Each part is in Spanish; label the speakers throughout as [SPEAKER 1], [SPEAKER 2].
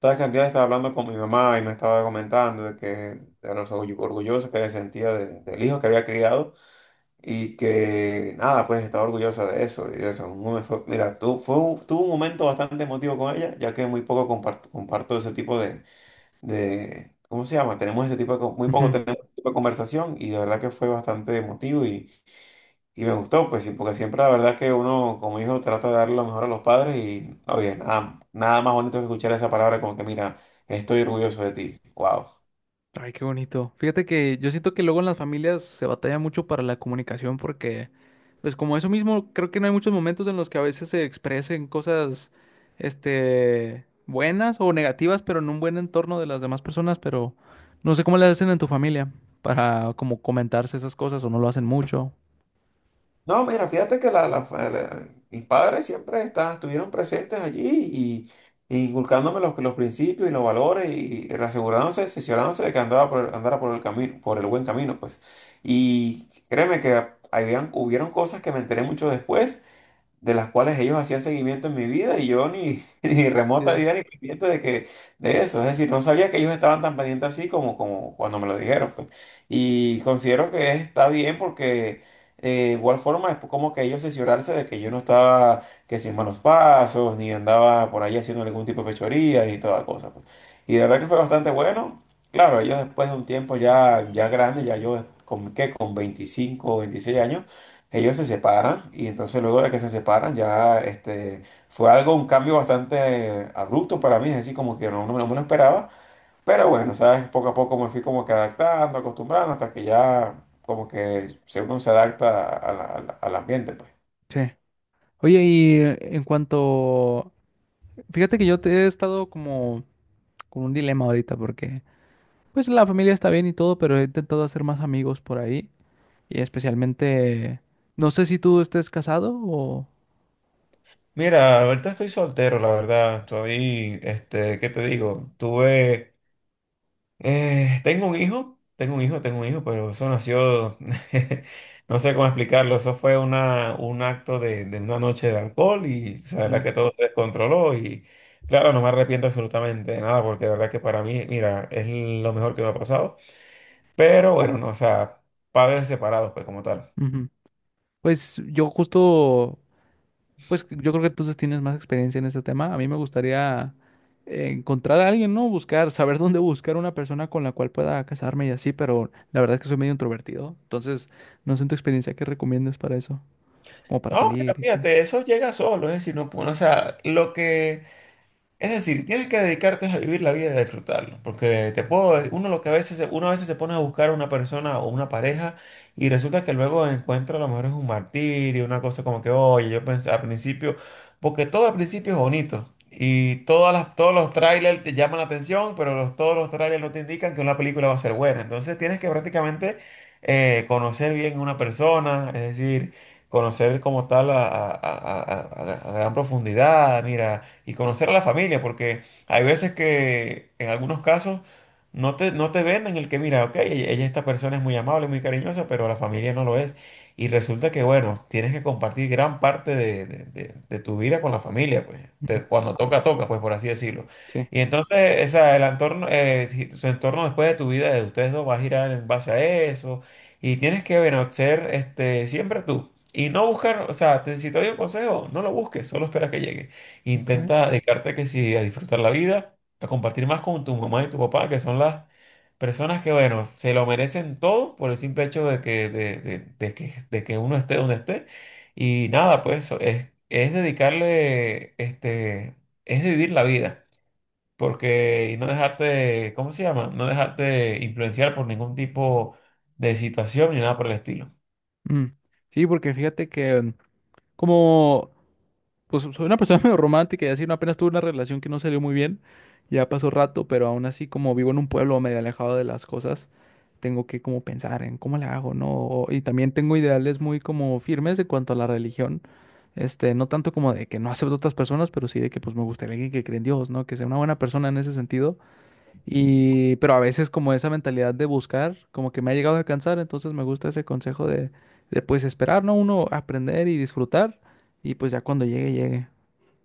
[SPEAKER 1] Sabes que antes estaba hablando con mi mamá y me estaba comentando de que era orgullosa que se sentía del hijo que había criado y que nada, pues estaba orgullosa de eso. Y eso, mira, tu, tuve un momento bastante emotivo con ella, ya que muy poco comparto ese tipo de, ¿cómo se llama? Tenemos ese tipo de, muy poco
[SPEAKER 2] Ujú.
[SPEAKER 1] tenemos ese tipo de conversación y de verdad que fue bastante emotivo y me gustó, pues sí, porque siempre la verdad que uno como hijo trata de dar lo mejor a los padres y, oye, nada, nada más bonito que escuchar esa palabra como que, mira, estoy orgulloso de ti. Wow.
[SPEAKER 2] Ay, qué bonito. Fíjate que yo siento que luego en las familias se batalla mucho para la comunicación porque, pues como eso mismo, creo que no hay muchos momentos en los que a veces se expresen cosas, buenas o negativas, pero en un buen entorno de las demás personas, pero no sé cómo le hacen en tu familia para como comentarse esas cosas o no lo hacen mucho.
[SPEAKER 1] No, mira, fíjate que mis padres siempre estuvieron presentes allí y, inculcándome los principios y los valores y asegurándose, asesorándose de que andara por el camino, por el buen camino, pues. Y créeme que habían, hubieron cosas que me enteré mucho después de las cuales ellos hacían seguimiento en mi vida y yo ni, ni remota
[SPEAKER 2] Idea.
[SPEAKER 1] idea ni pendiente de que de eso. Es decir, no sabía que ellos estaban tan pendientes así como cuando me lo dijeron, pues. Y considero que está bien porque eh, de igual forma es como que ellos cerciorarse de que yo no estaba que sin malos pasos, ni andaba por ahí haciendo ningún tipo de fechoría, ni toda cosa, pues. Y de verdad que fue bastante bueno. Claro, ellos después de un tiempo ya, ya grande, ya yo con, ¿qué? Con 25 o 26 años ellos se separan y entonces luego de que se separan ya fue algo, un cambio bastante abrupto para mí, es decir, como que no, no, me no me lo esperaba, pero bueno, sabes, poco a poco me fui como que adaptando, acostumbrando, hasta que ya como que uno se adapta a al ambiente, pues.
[SPEAKER 2] Sí. Oye, y en cuanto, fíjate que yo te he estado como con un dilema ahorita porque pues la familia está bien y todo, pero he intentado hacer más amigos por ahí y especialmente, no sé si tú estés casado o...
[SPEAKER 1] Mira, ahorita estoy soltero, la verdad. Estoy, ¿qué te digo? Tuve tengo un hijo, pero eso nació, no sé cómo explicarlo, eso fue una, un acto de una noche de alcohol y o sea, la verdad
[SPEAKER 2] Mm,
[SPEAKER 1] que todo se descontroló y claro, no me arrepiento absolutamente de nada porque la verdad que para mí, mira, es lo mejor que me ha pasado, pero bueno, no, o sea, padres separados, pues como tal.
[SPEAKER 2] ujú. Pues yo justo Pues yo creo que entonces tienes más experiencia en ese tema. A mí me gustaría encontrar a alguien, ¿no? Buscar, saber dónde buscar una persona con la cual pueda casarme y así, pero la verdad es que soy medio introvertido. Entonces, no sé en tu experiencia qué recomiendas para eso, como para
[SPEAKER 1] No, mira,
[SPEAKER 2] salir y conocer.
[SPEAKER 1] fíjate, eso llega solo, es decir, no, o sea, lo que... Es decir, tienes que dedicarte a vivir la vida y a disfrutarlo, porque te puedo, uno lo que a veces, uno a veces se pone a buscar a una persona o una pareja y resulta que luego encuentra a lo mejor es un martirio, una cosa como que, oye, yo pensé al principio, porque todo al principio es bonito y todas las, todos los trailers te llaman la atención, pero los, todos los trailers no te indican que una película va a ser buena, entonces tienes que prácticamente conocer bien a una persona, es decir, conocer como tal a a gran profundidad, mira y conocer a la familia, porque hay veces que en algunos casos no te venden el que, mira, ok, ella, esta persona es muy amable, muy cariñosa, pero la familia no lo es. Y resulta que, bueno, tienes que compartir gran parte de tu vida con la familia, pues.
[SPEAKER 2] Ujú.
[SPEAKER 1] Cuando toca, toca, pues por así decirlo.
[SPEAKER 2] Sí.
[SPEAKER 1] Y entonces, esa, el entorno, su entorno después de tu vida, de ustedes dos, va a girar en base a eso. Y tienes que, bueno, ser siempre tú. Y no buscar, o sea, si te doy un consejo, no lo busques, solo espera que llegue.
[SPEAKER 2] Okay.
[SPEAKER 1] Intenta dedicarte que sí a disfrutar la vida, a compartir más con tu mamá y tu papá, que son las personas que, bueno, se lo merecen todo por el simple hecho de que, de que, uno esté donde esté. Y nada, pues eso es dedicarle, es vivir la vida. Porque y no dejarte, ¿cómo se llama? No dejarte influenciar por ningún tipo de situación ni nada por el estilo.
[SPEAKER 2] Mm. Sí, porque fíjate que como, pues soy una persona medio romántica y así, ¿no? Apenas tuve una relación que no salió muy bien, ya pasó rato, pero aún así como vivo en un pueblo medio alejado de las cosas, tengo que como pensar en cómo le hago, ¿no? O- y también tengo ideales muy como firmes en cuanto a la religión, no tanto como de que no acepto a otras personas, pero sí de que pues me gustaría alguien que cree en Dios, ¿no? Que sea una buena persona en ese sentido y, pero a veces como esa mentalidad de buscar, como que me ha llegado a cansar, entonces me gusta ese consejo de pues esperar, ¿no? Uno aprender y disfrutar y pues ya cuando llegue, llegue.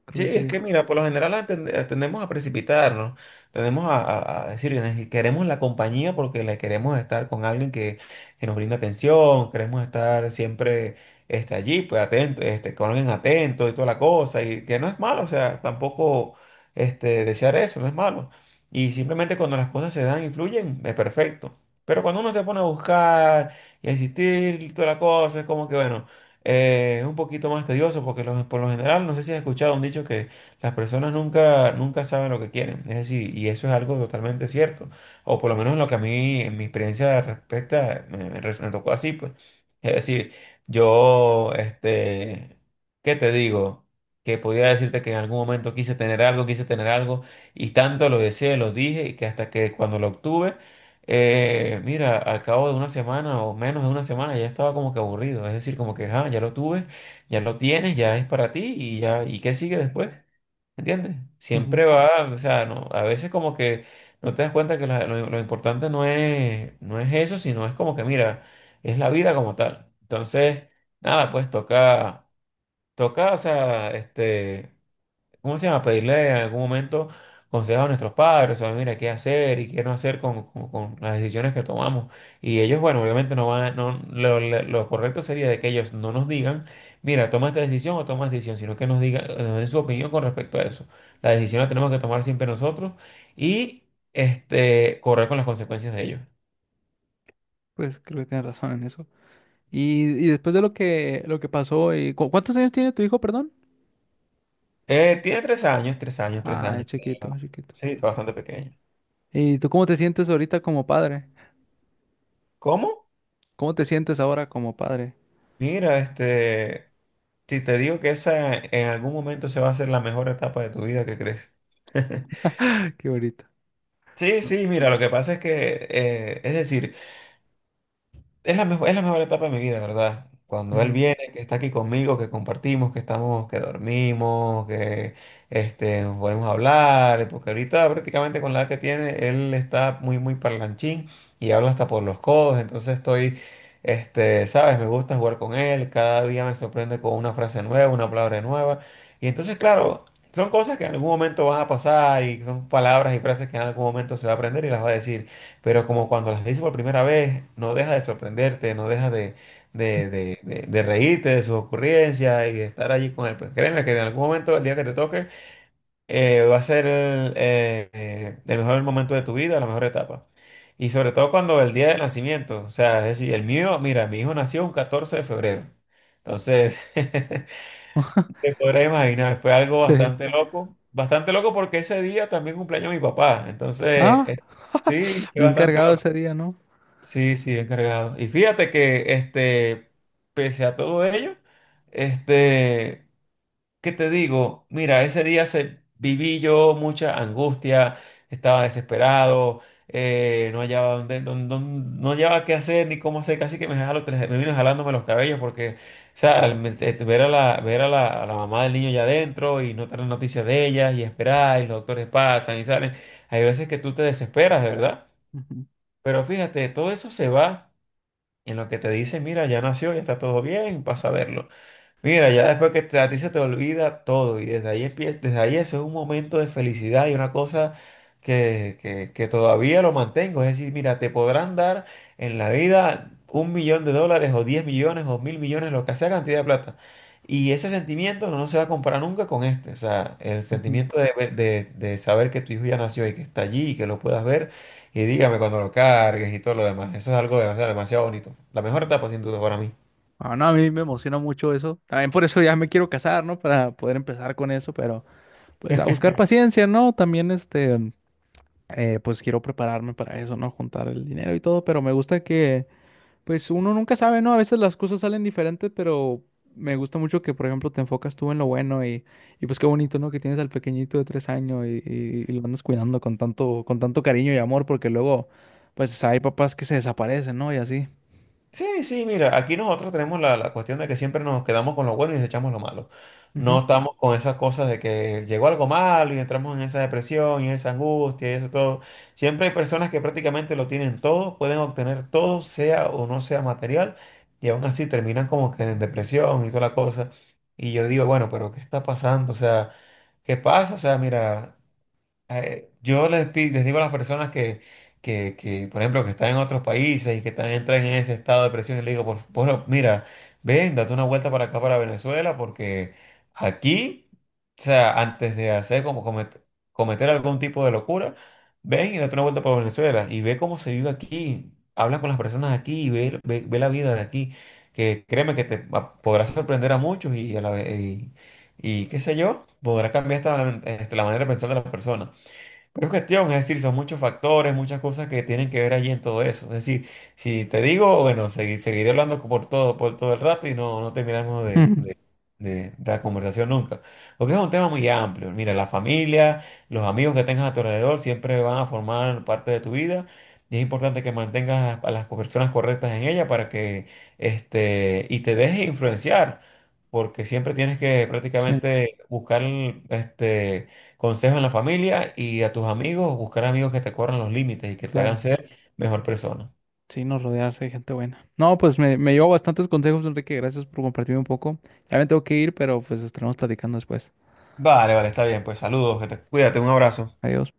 [SPEAKER 2] Creo
[SPEAKER 1] Sí,
[SPEAKER 2] que
[SPEAKER 1] es
[SPEAKER 2] sí.
[SPEAKER 1] que mira, por lo general tendemos a precipitarnos, tendemos a decir, Queremos la compañía porque le queremos estar con alguien que nos brinde atención, queremos estar siempre allí, pues atento, con alguien atento y toda la cosa, y que no es malo, o sea, tampoco desear eso, no es malo. Y simplemente cuando las cosas se dan y fluyen, es perfecto. Pero cuando uno se pone a buscar y a insistir y toda la cosa, es como que, bueno. Es un poquito más tedioso porque por lo general, no sé si has escuchado un dicho que las personas nunca, nunca saben lo que quieren. Es decir, y eso es algo totalmente cierto. O por lo menos lo que a mí, en mi experiencia respecta, me tocó así, pues. Es decir, yo, ¿qué te digo? Que podía decirte que en algún momento quise tener algo, y tanto lo deseé, lo dije, y que hasta que cuando lo obtuve, mira, al cabo de una semana o menos de una semana ya estaba como que aburrido, es decir, como que "Ah, ya lo tuve, ya lo tienes, ya es para ti y ya, ¿y qué sigue después? ¿Entiendes?
[SPEAKER 2] Ujú.
[SPEAKER 1] Siempre va, o sea, no, a veces como que no te das cuenta que lo importante no es eso, sino es como que, mira, es la vida como tal. Entonces, nada, pues toca, toca, o sea, ¿cómo se llama? Pedirle en algún momento consejos a nuestros padres, o mira, qué hacer y qué no hacer con, con las decisiones que tomamos. Y ellos, bueno, obviamente no van, no, lo correcto sería de que ellos no nos digan, mira, toma esta decisión o toma esta decisión, sino que nos digan, nos den su opinión con respecto a eso. La decisión la tenemos que tomar siempre nosotros y correr con las consecuencias de ello.
[SPEAKER 2] Pues creo que tienes razón en eso. Y, después de lo que pasó, y, ¿cuántos años tiene tu hijo, perdón?
[SPEAKER 1] Tiene tres años, tres años, tres
[SPEAKER 2] Ah, es
[SPEAKER 1] años.
[SPEAKER 2] chiquito, chiquito.
[SPEAKER 1] Sí, está bastante pequeño.
[SPEAKER 2] ¿Y tú cómo te sientes ahorita como padre?
[SPEAKER 1] ¿Cómo?
[SPEAKER 2] ¿Cómo te sientes ahora como padre?
[SPEAKER 1] Mira. Si te digo que esa en algún momento se va a hacer la mejor etapa de tu vida, ¿qué crees?
[SPEAKER 2] Qué bonito.
[SPEAKER 1] Sí, sí, mira, lo que pasa es que, es decir, es la mejor etapa de mi vida, ¿verdad? Cuando él
[SPEAKER 2] Ujú.
[SPEAKER 1] viene, que está aquí conmigo, que compartimos, que estamos, que dormimos, nos ponemos a hablar, porque ahorita prácticamente con la edad que tiene, él está muy, muy parlanchín y habla hasta por los codos, entonces estoy, sabes, me gusta jugar con él, cada día me sorprende con una frase nueva, una palabra nueva, y entonces, claro, son cosas que en algún momento van a pasar y son palabras y frases que en algún momento se va a aprender y las va a decir. Pero como cuando las dices por primera vez, no deja de sorprenderte, no deja de reírte de sus ocurrencias y de estar allí con él. Pues créeme que en algún momento, el día que te toque, va a ser el mejor momento de tu vida, la mejor etapa. Y sobre todo cuando el día de nacimiento, o sea, es decir, el mío, mira, mi hijo nació un 14 de febrero. Entonces, te podrás imaginar, fue algo
[SPEAKER 2] Sí.
[SPEAKER 1] bastante loco porque ese día también cumpleaños mi papá. Entonces,
[SPEAKER 2] Ah,
[SPEAKER 1] eh, sí, fue
[SPEAKER 2] bien
[SPEAKER 1] bastante
[SPEAKER 2] cargado
[SPEAKER 1] loco.
[SPEAKER 2] ese día, ¿no?
[SPEAKER 1] Sí, sí, he cargado. Y fíjate que, pese a todo ello, este, ¿qué te digo? Mira, ese día viví yo mucha angustia, estaba desesperado, no hallaba no hallaba qué hacer ni cómo hacer, casi que me vino jalándome los cabellos porque, o sea, al me- te- te- ver a la, a la mamá del niño ya adentro y no tener noticias de ella y esperar y los doctores pasan y salen, hay veces que tú te desesperas, de verdad.
[SPEAKER 2] Ujú,
[SPEAKER 1] Pero fíjate, todo eso se va. En lo que te dice, mira, ya nació, ya está todo bien, pasa a verlo. Mira, ya después que a ti se te olvida todo y desde ahí empieza, desde ahí eso es un momento de felicidad y una cosa que todavía lo mantengo. Es decir, mira, te podrán dar en la vida un millón de dólares o 10 millones o mil millones, lo que sea cantidad de plata. Y ese sentimiento no se va a comparar nunca con este. O sea, el
[SPEAKER 2] ujú.
[SPEAKER 1] sentimiento de saber que tu hijo ya nació y que está allí y que lo puedas ver y dígame cuando lo cargues y todo lo demás. Eso es algo demasiado, demasiado bonito. La mejor etapa sin duda para mí.
[SPEAKER 2] Ah, no, a mí me emociona mucho eso. También por eso ya me quiero casar, ¿no? Para poder empezar con eso, pero pues a buscar paciencia, ¿no? También pues quiero prepararme para eso, ¿no? Juntar el dinero y todo, pero me gusta que, pues uno nunca sabe, ¿no? A veces las cosas salen diferentes, pero me gusta mucho que, por ejemplo, te enfocas tú en lo bueno y pues qué bonito, ¿no? Que tienes al pequeñito de 3 años y, y lo andas cuidando con tanto cariño y amor, porque luego, pues hay papás que se desaparecen, ¿no? Y así.
[SPEAKER 1] Sí, sí, mira, aquí nosotros tenemos la cuestión de que siempre nos quedamos con lo bueno y desechamos lo malo.
[SPEAKER 2] Ujú.
[SPEAKER 1] No estamos con esas cosas de que llegó algo malo y entramos en esa depresión y esa angustia y eso todo. Siempre hay personas que prácticamente lo tienen todo, pueden obtener todo, sea o no sea material, y aún así terminan como que en depresión y toda la cosa. Y yo digo, bueno, pero ¿qué está pasando? O sea, ¿qué pasa? O sea, mira. Yo les digo a las personas que, por ejemplo, que están en otros países y que están, entran en ese estado de presión, y les digo, bueno, mira, ven, date una vuelta para acá, para Venezuela, porque aquí, o sea, antes de hacer como cometer algún tipo de locura, ven y date una vuelta para Venezuela y ve cómo se vive aquí, habla con las personas aquí y ve, ve, ve la vida de aquí, que créeme que podrás sorprender a muchos y a la vez... y qué sé yo, podrá cambiar hasta la manera de pensar de las personas. Pero es cuestión, es decir, son muchos factores, muchas cosas que tienen que ver allí en todo eso. Es decir, si te digo, bueno, seguiré hablando por todo el rato y no terminamos de la conversación nunca. Porque es un tema muy amplio. Mira, la familia, los amigos que tengas a tu alrededor siempre van a formar parte de tu vida y es importante que mantengas a las personas correctas en ella para que, y te dejes influenciar. Porque siempre tienes que
[SPEAKER 2] Sí,
[SPEAKER 1] prácticamente buscar, este, consejo en la familia y a tus amigos, buscar amigos que te corran los límites y que te hagan
[SPEAKER 2] claro.
[SPEAKER 1] ser mejor persona.
[SPEAKER 2] Sí, no rodearse de gente buena. No, pues me llevo bastantes consejos, Enrique. Gracias por compartir un poco. Ya me tengo que ir, pero pues estaremos platicando después.
[SPEAKER 1] Vale, vale, está bien, pues saludos, que cuídate, un abrazo.
[SPEAKER 2] Adiós.